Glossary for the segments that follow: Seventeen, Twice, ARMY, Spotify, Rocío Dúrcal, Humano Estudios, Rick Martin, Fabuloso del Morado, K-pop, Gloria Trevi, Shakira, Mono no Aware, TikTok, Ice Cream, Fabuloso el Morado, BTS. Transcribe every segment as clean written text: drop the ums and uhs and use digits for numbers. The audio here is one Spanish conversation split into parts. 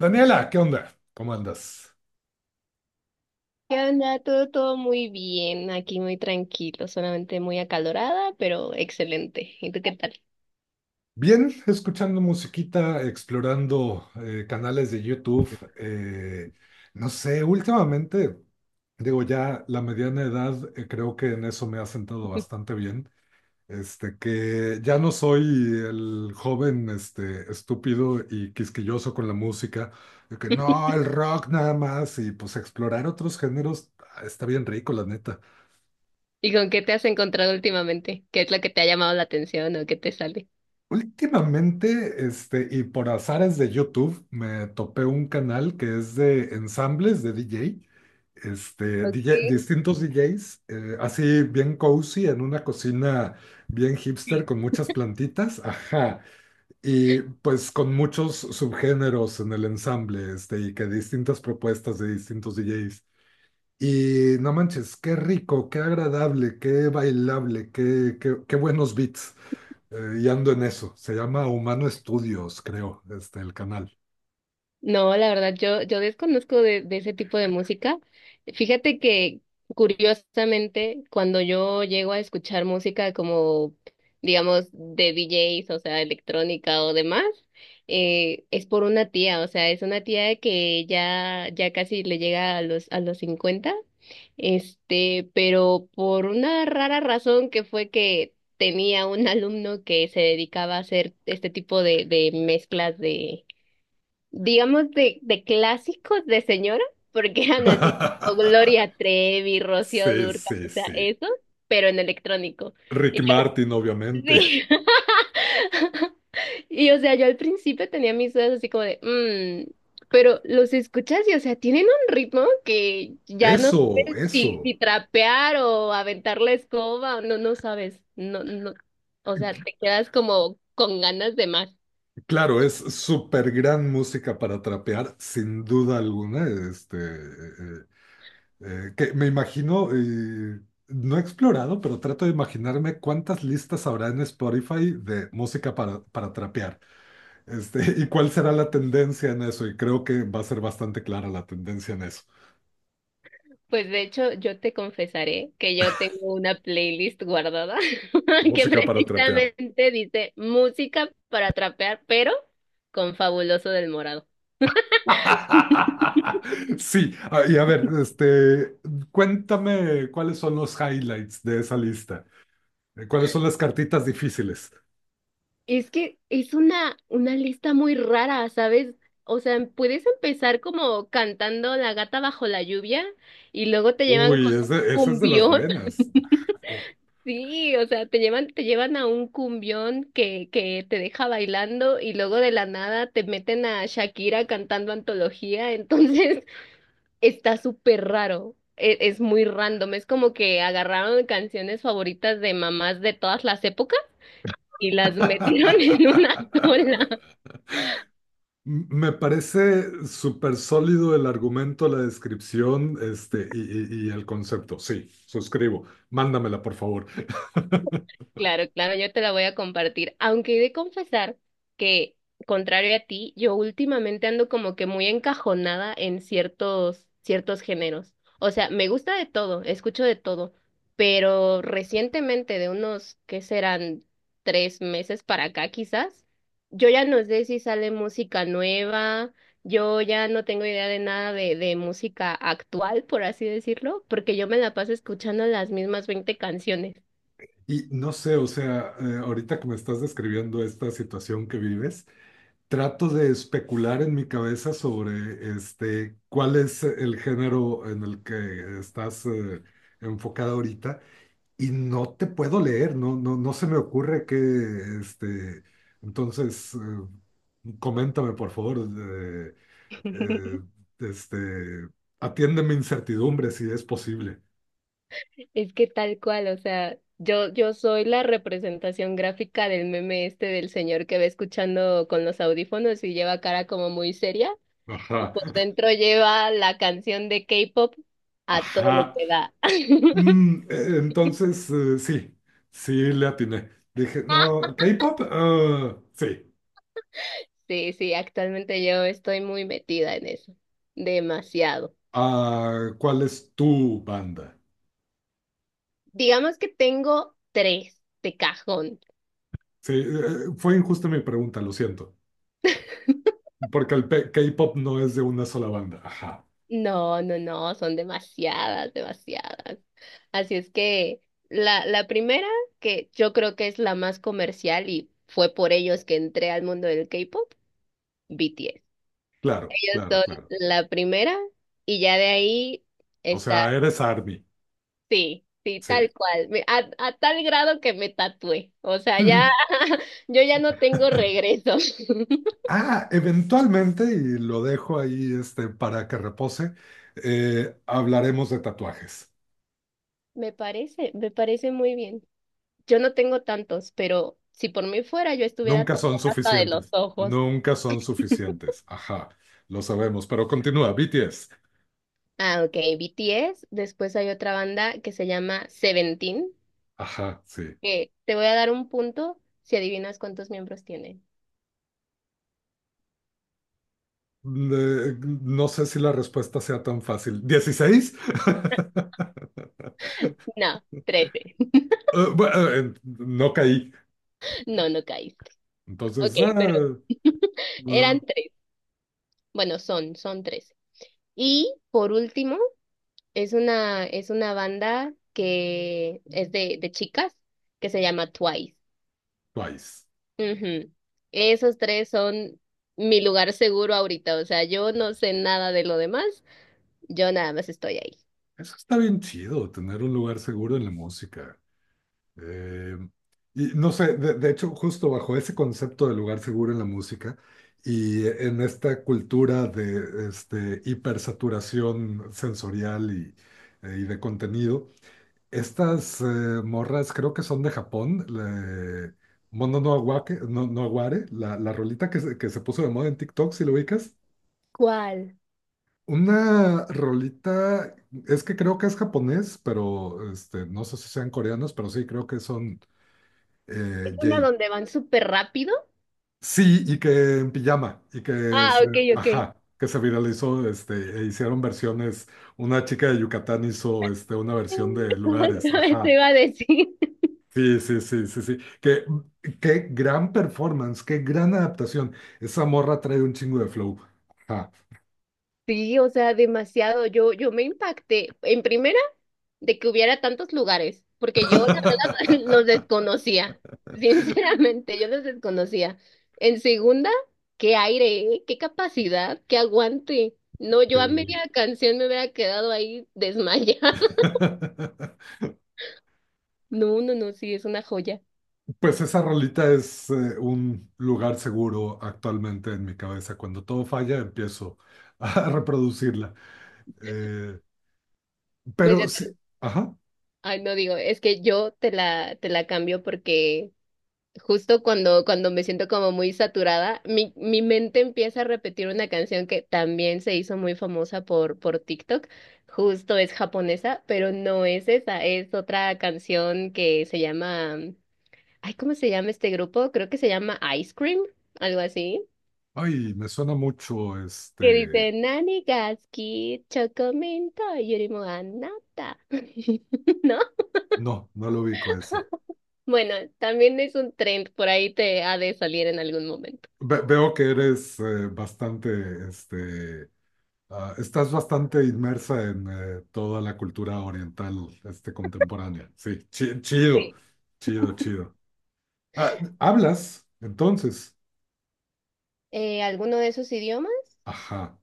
Daniela, ¿qué onda? ¿Cómo andas? ¿Qué onda? Todo muy bien, aquí muy tranquilo, solamente muy acalorada, pero excelente. ¿Y tú qué tal? Bien, escuchando musiquita, explorando canales de YouTube. eh, no sé, últimamente, digo, ya la mediana edad, creo que en eso me ha sentado bastante bien. Que ya no soy el joven, estúpido y quisquilloso con la música, de que no, el rock nada más, y pues explorar otros géneros, está bien rico, la neta. ¿Y con qué te has encontrado últimamente? ¿Qué es lo que te ha llamado la atención o qué te sale? Últimamente, y por azares de YouTube, me topé un canal que es de ensambles de DJ Ok. distintos DJs, así bien cozy, en una cocina bien hipster con muchas plantitas, ajá, y pues con muchos subgéneros en el ensamble, y que distintas propuestas de distintos DJs. Y no manches, qué rico, qué agradable, qué bailable, qué buenos beats. Y ando en eso. Se llama Humano Estudios, creo, el canal. No, la verdad, yo desconozco de ese tipo de música. Fíjate que, curiosamente, cuando yo llego a escuchar música como, digamos, de DJs, o sea, electrónica o demás, es por una tía, o sea, es una tía que ya, ya casi le llega a los, 50 pero por una rara razón que fue que tenía un alumno que se dedicaba a hacer este tipo de mezclas de digamos, de clásicos de señora, porque eran así, tipo Gloria Trevi, Rocío Sí, Dúrcal, sí, o sea, sí. eso, pero en electrónico. Rick Y yo, Martin, obviamente. sí. Y o sea, yo al principio tenía mis dudas así como de, "Mm", pero los escuchas y o sea, tienen un ritmo que ya no Eso, sabes si, eso. si trapear o aventar la escoba, o no, no sabes, no, no, o sea, te quedas como con ganas de más. Claro, es súper gran música para trapear, sin duda alguna. Que me imagino, no he explorado, pero trato de imaginarme cuántas listas habrá en Spotify de música para, trapear. Y cuál será la tendencia en eso. Y creo que va a ser bastante clara la tendencia en eso. Pues de hecho, yo te confesaré que yo tengo una playlist guardada que Música para trapear. precisamente dice música para trapear, pero con Fabuloso del Morado. Sí, ah, y a ver, cuéntame cuáles son los highlights de esa lista. ¿Cuáles son las cartitas difíciles? Es que es una lista muy rara, ¿sabes? O sea, puedes empezar como cantando La gata bajo la lluvia y luego te llevan Uy, con un esa es de las cumbión. buenas. Sí, o sea, te llevan, a un cumbión que te deja bailando y luego de la nada te meten a Shakira cantando antología, entonces está súper raro, es, muy random, es como que agarraron canciones favoritas de mamás de todas las épocas y las metieron en una sola. Me parece súper sólido el argumento, la descripción, y el concepto. Sí, suscribo. Mándamela, por favor. Claro, claro, yo te la voy a compartir. Aunque he de confesar que, contrario a ti, yo últimamente ando como que muy encajonada en ciertos, ciertos géneros. O sea, me gusta de todo, escucho de todo, pero recientemente, de unos, ¿qué serán? Tres meses para acá, quizás, yo ya no sé si sale música nueva, yo ya no tengo idea de nada de música actual, por así decirlo, porque yo me la paso escuchando las mismas 20 canciones. Y no sé, o sea, ahorita que me estás describiendo esta situación que vives. Trato de especular en mi cabeza sobre cuál es el género en el que estás enfocada ahorita, y no te puedo leer. No, no, no se me ocurre que, este, entonces, coméntame por favor, eh, este, atiende mi incertidumbre si es posible. Es que tal cual, o sea, yo soy la representación gráfica del meme este del señor que va escuchando con los audífonos y lleva cara como muy seria y Ajá, por dentro lleva la canción de K-pop a todo lo ajá. que da. Entonces, sí, sí le atiné. Dije, no, K-pop, ah, sí. Sí, sí, actualmente yo estoy muy metida en eso, demasiado. Ah, ¿cuál es tu banda? Digamos que tengo tres de cajón. Sí, fue injusta mi pregunta, lo siento, porque K-pop no es de una sola banda. Ajá, No, no, no, son demasiadas, demasiadas. Así es que la primera, que yo creo que es la más comercial y fue por ellos que entré al mundo del K-pop, BTS. claro, Ellos claro, son claro. la primera y ya de ahí O está, sea, eres ARMY, sí, sí, sí. tal cual, a tal grado que me tatué. O sea, ya, yo ya no tengo regreso. Ah, eventualmente, y lo dejo ahí, para que repose. Hablaremos de tatuajes. Me parece muy bien. Yo no tengo tantos, pero si por mí fuera, yo estuviera Nunca son tatuada hasta de los suficientes, ojos. nunca son suficientes. Ajá, lo sabemos, pero continúa, BTS. Ah, ok, BTS. Después hay otra banda que se llama Seventeen, Ajá, sí. que te voy a dar un punto si adivinas cuántos miembros tiene. Le- no sé si la respuesta sea tan fácil. 16. No, 13. Bueno, no caí. No, no caíste. Ok, Entonces, ah, pero eh, eran tres. Bueno, son tres. Y por último, es una, banda que es de chicas que se llama Twice. Twice. Ujú. Esos tres son mi lugar seguro ahorita, o sea, yo no sé nada de lo demás, yo nada más estoy ahí. Eso está bien chido, tener un lugar seguro en la música. Eh, y no sé, de hecho, justo bajo ese concepto de lugar seguro en la música y en esta cultura de hipersaturación sensorial y de contenido. Estas morras creo que son de Japón. Mono no no, no Aware, la rolita que se puso de moda en TikTok, si lo ubicas. ¿Cuál? Una rolita, es que creo que es japonés, pero no sé si sean coreanos, pero sí, creo que son ¿Es una Jay. donde van súper rápido? Sí, y que en pijama, y Ah, se, ok, ok. ajá, que se viralizó. E hicieron versiones. Una chica de Yucatán hizo una versión de lugares, Te ajá. iba a decir. Sí, sí, sí, sí, sí. Qué gran performance, qué gran adaptación. Esa morra trae un chingo de flow. Ajá. Sí, o sea, demasiado. Yo me impacté. En primera, de que hubiera tantos lugares, porque yo la verdad los desconocía, sinceramente, yo los desconocía. En segunda, qué aire, ¿eh? Qué capacidad, qué aguante. No, yo a Sí. media canción me hubiera quedado ahí desmayada. No, no, no, sí, es una joya. Pues esa rolita es un lugar seguro actualmente en mi cabeza. Cuando todo falla, empiezo a reproducirla. Eh, Pues pero ya sí, te, ajá. ay, no digo, es que yo te la, cambio porque justo cuando me siento como muy saturada, mi mente empieza a repetir una canción que también se hizo muy famosa por TikTok. Justo es japonesa, pero no es esa, es otra canción que se llama, ay, ¿cómo se llama este grupo? Creo que se llama Ice Cream, algo así, Ay, me suena mucho que este. dice Nani ga suki, chocominto yurimo anata. ¿No? No, no lo ubico esa. Bueno, también es un trend, por ahí te ha de salir en algún momento. Veo que eres bastante. Ah, estás bastante inmersa en toda la cultura oriental, contemporánea. Sí, chido, chido, chido. Ah, ¿hablas? Entonces, Alguno de esos idiomas. ajá.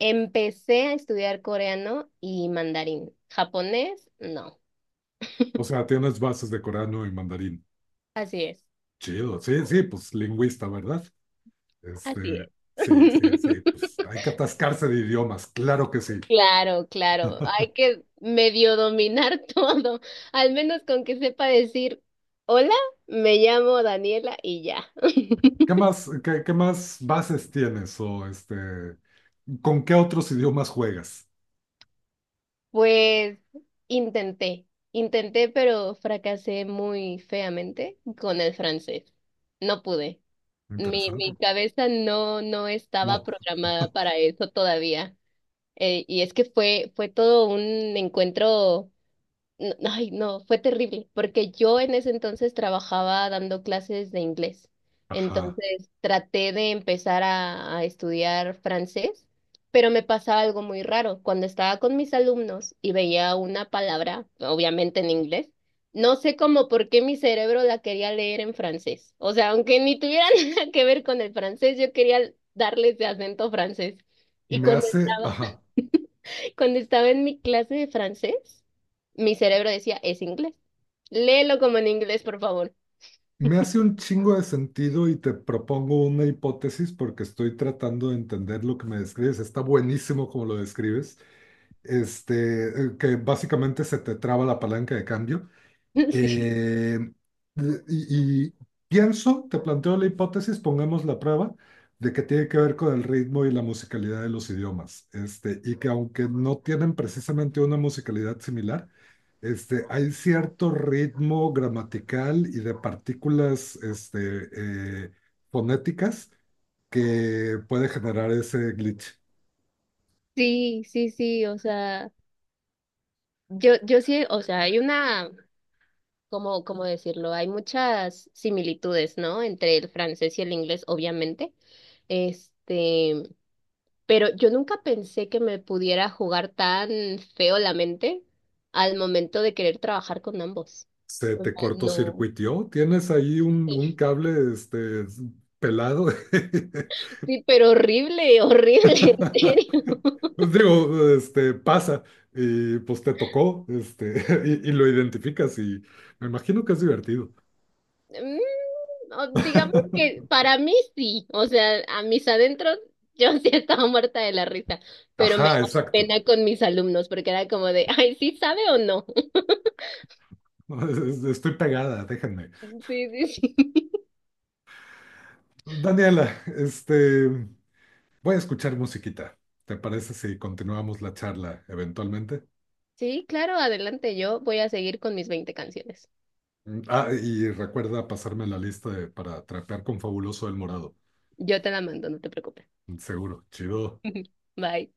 Empecé a estudiar coreano y mandarín. Japonés, no. O sea, tienes bases de coreano y mandarín. Así es, Chido, sí, sí, pues lingüista, ¿verdad? así es. Este, sí, sí, sí, pues hay que atascarse de idiomas, claro que sí. Claro, claro. Hay que medio dominar todo. Al menos con que sepa decir, hola, me llamo Daniela y ya. ¿Qué más, qué más bases tienes o con qué otros idiomas juegas? Pues intenté, intenté, pero fracasé muy feamente con el francés. No pude. Mi, Interesante. mi cabeza no, no estaba No, programada para eso todavía. Y es que fue todo un encuentro. No, ay, no, fue terrible, porque yo en ese entonces trabajaba dando clases de inglés. ajá. Entonces traté de empezar a estudiar francés, pero me pasaba algo muy raro. Cuando estaba con mis alumnos y veía una palabra, obviamente en inglés, no sé cómo por qué mi cerebro la quería leer en francés. O sea, aunque ni tuviera nada que ver con el francés, yo quería darles de acento francés. Y Me cuando, hace, ajá. cuando estaba en mi clase de francés, mi cerebro decía, es inglés. Léelo como en inglés, por favor. Me hace un chingo de sentido y te propongo una hipótesis porque estoy tratando de entender lo que me describes. Está buenísimo como lo describes. Este, que básicamente se te traba la palanca de cambio. Eh, y pienso, te planteo la hipótesis, pongamos la prueba, de que tiene que ver con el ritmo y la musicalidad de los idiomas. Y que aunque no tienen precisamente una musicalidad similar, hay cierto ritmo gramatical y de partículas, fonéticas, que puede generar ese glitch. Sí, sí, sí, sí, o sea, yo sí, o sea, hay una, como, ¿cómo decirlo? Hay muchas similitudes, ¿no? Entre el francés y el inglés, obviamente. Este, pero yo nunca pensé que me pudiera jugar tan feo la mente al momento de querer trabajar con ambos. Se O sea, te no. cortocircuitió, tienes ahí un cable, pelado. Sí, pero horrible, horrible, en serio. Pues digo, pasa y pues te tocó, y lo identificas y me imagino que es divertido. Mm, o digamos que para mí sí, o sea, a mis adentros yo sí estaba muerta de la risa, pero me Ajá, daba exacto. pena con mis alumnos porque era como de, ay, ¿sí sabe o no? No, estoy pegada, déjenme. Sí, sí, sí. Daniela, voy a escuchar musiquita. ¿Te parece si continuamos la charla eventualmente? Sí, claro, adelante, yo voy a seguir con mis 20 canciones. Ah, y recuerda pasarme la lista para trapear con Fabuloso el Morado. Yo te la mando, no te preocupes. Seguro, chido. Bye.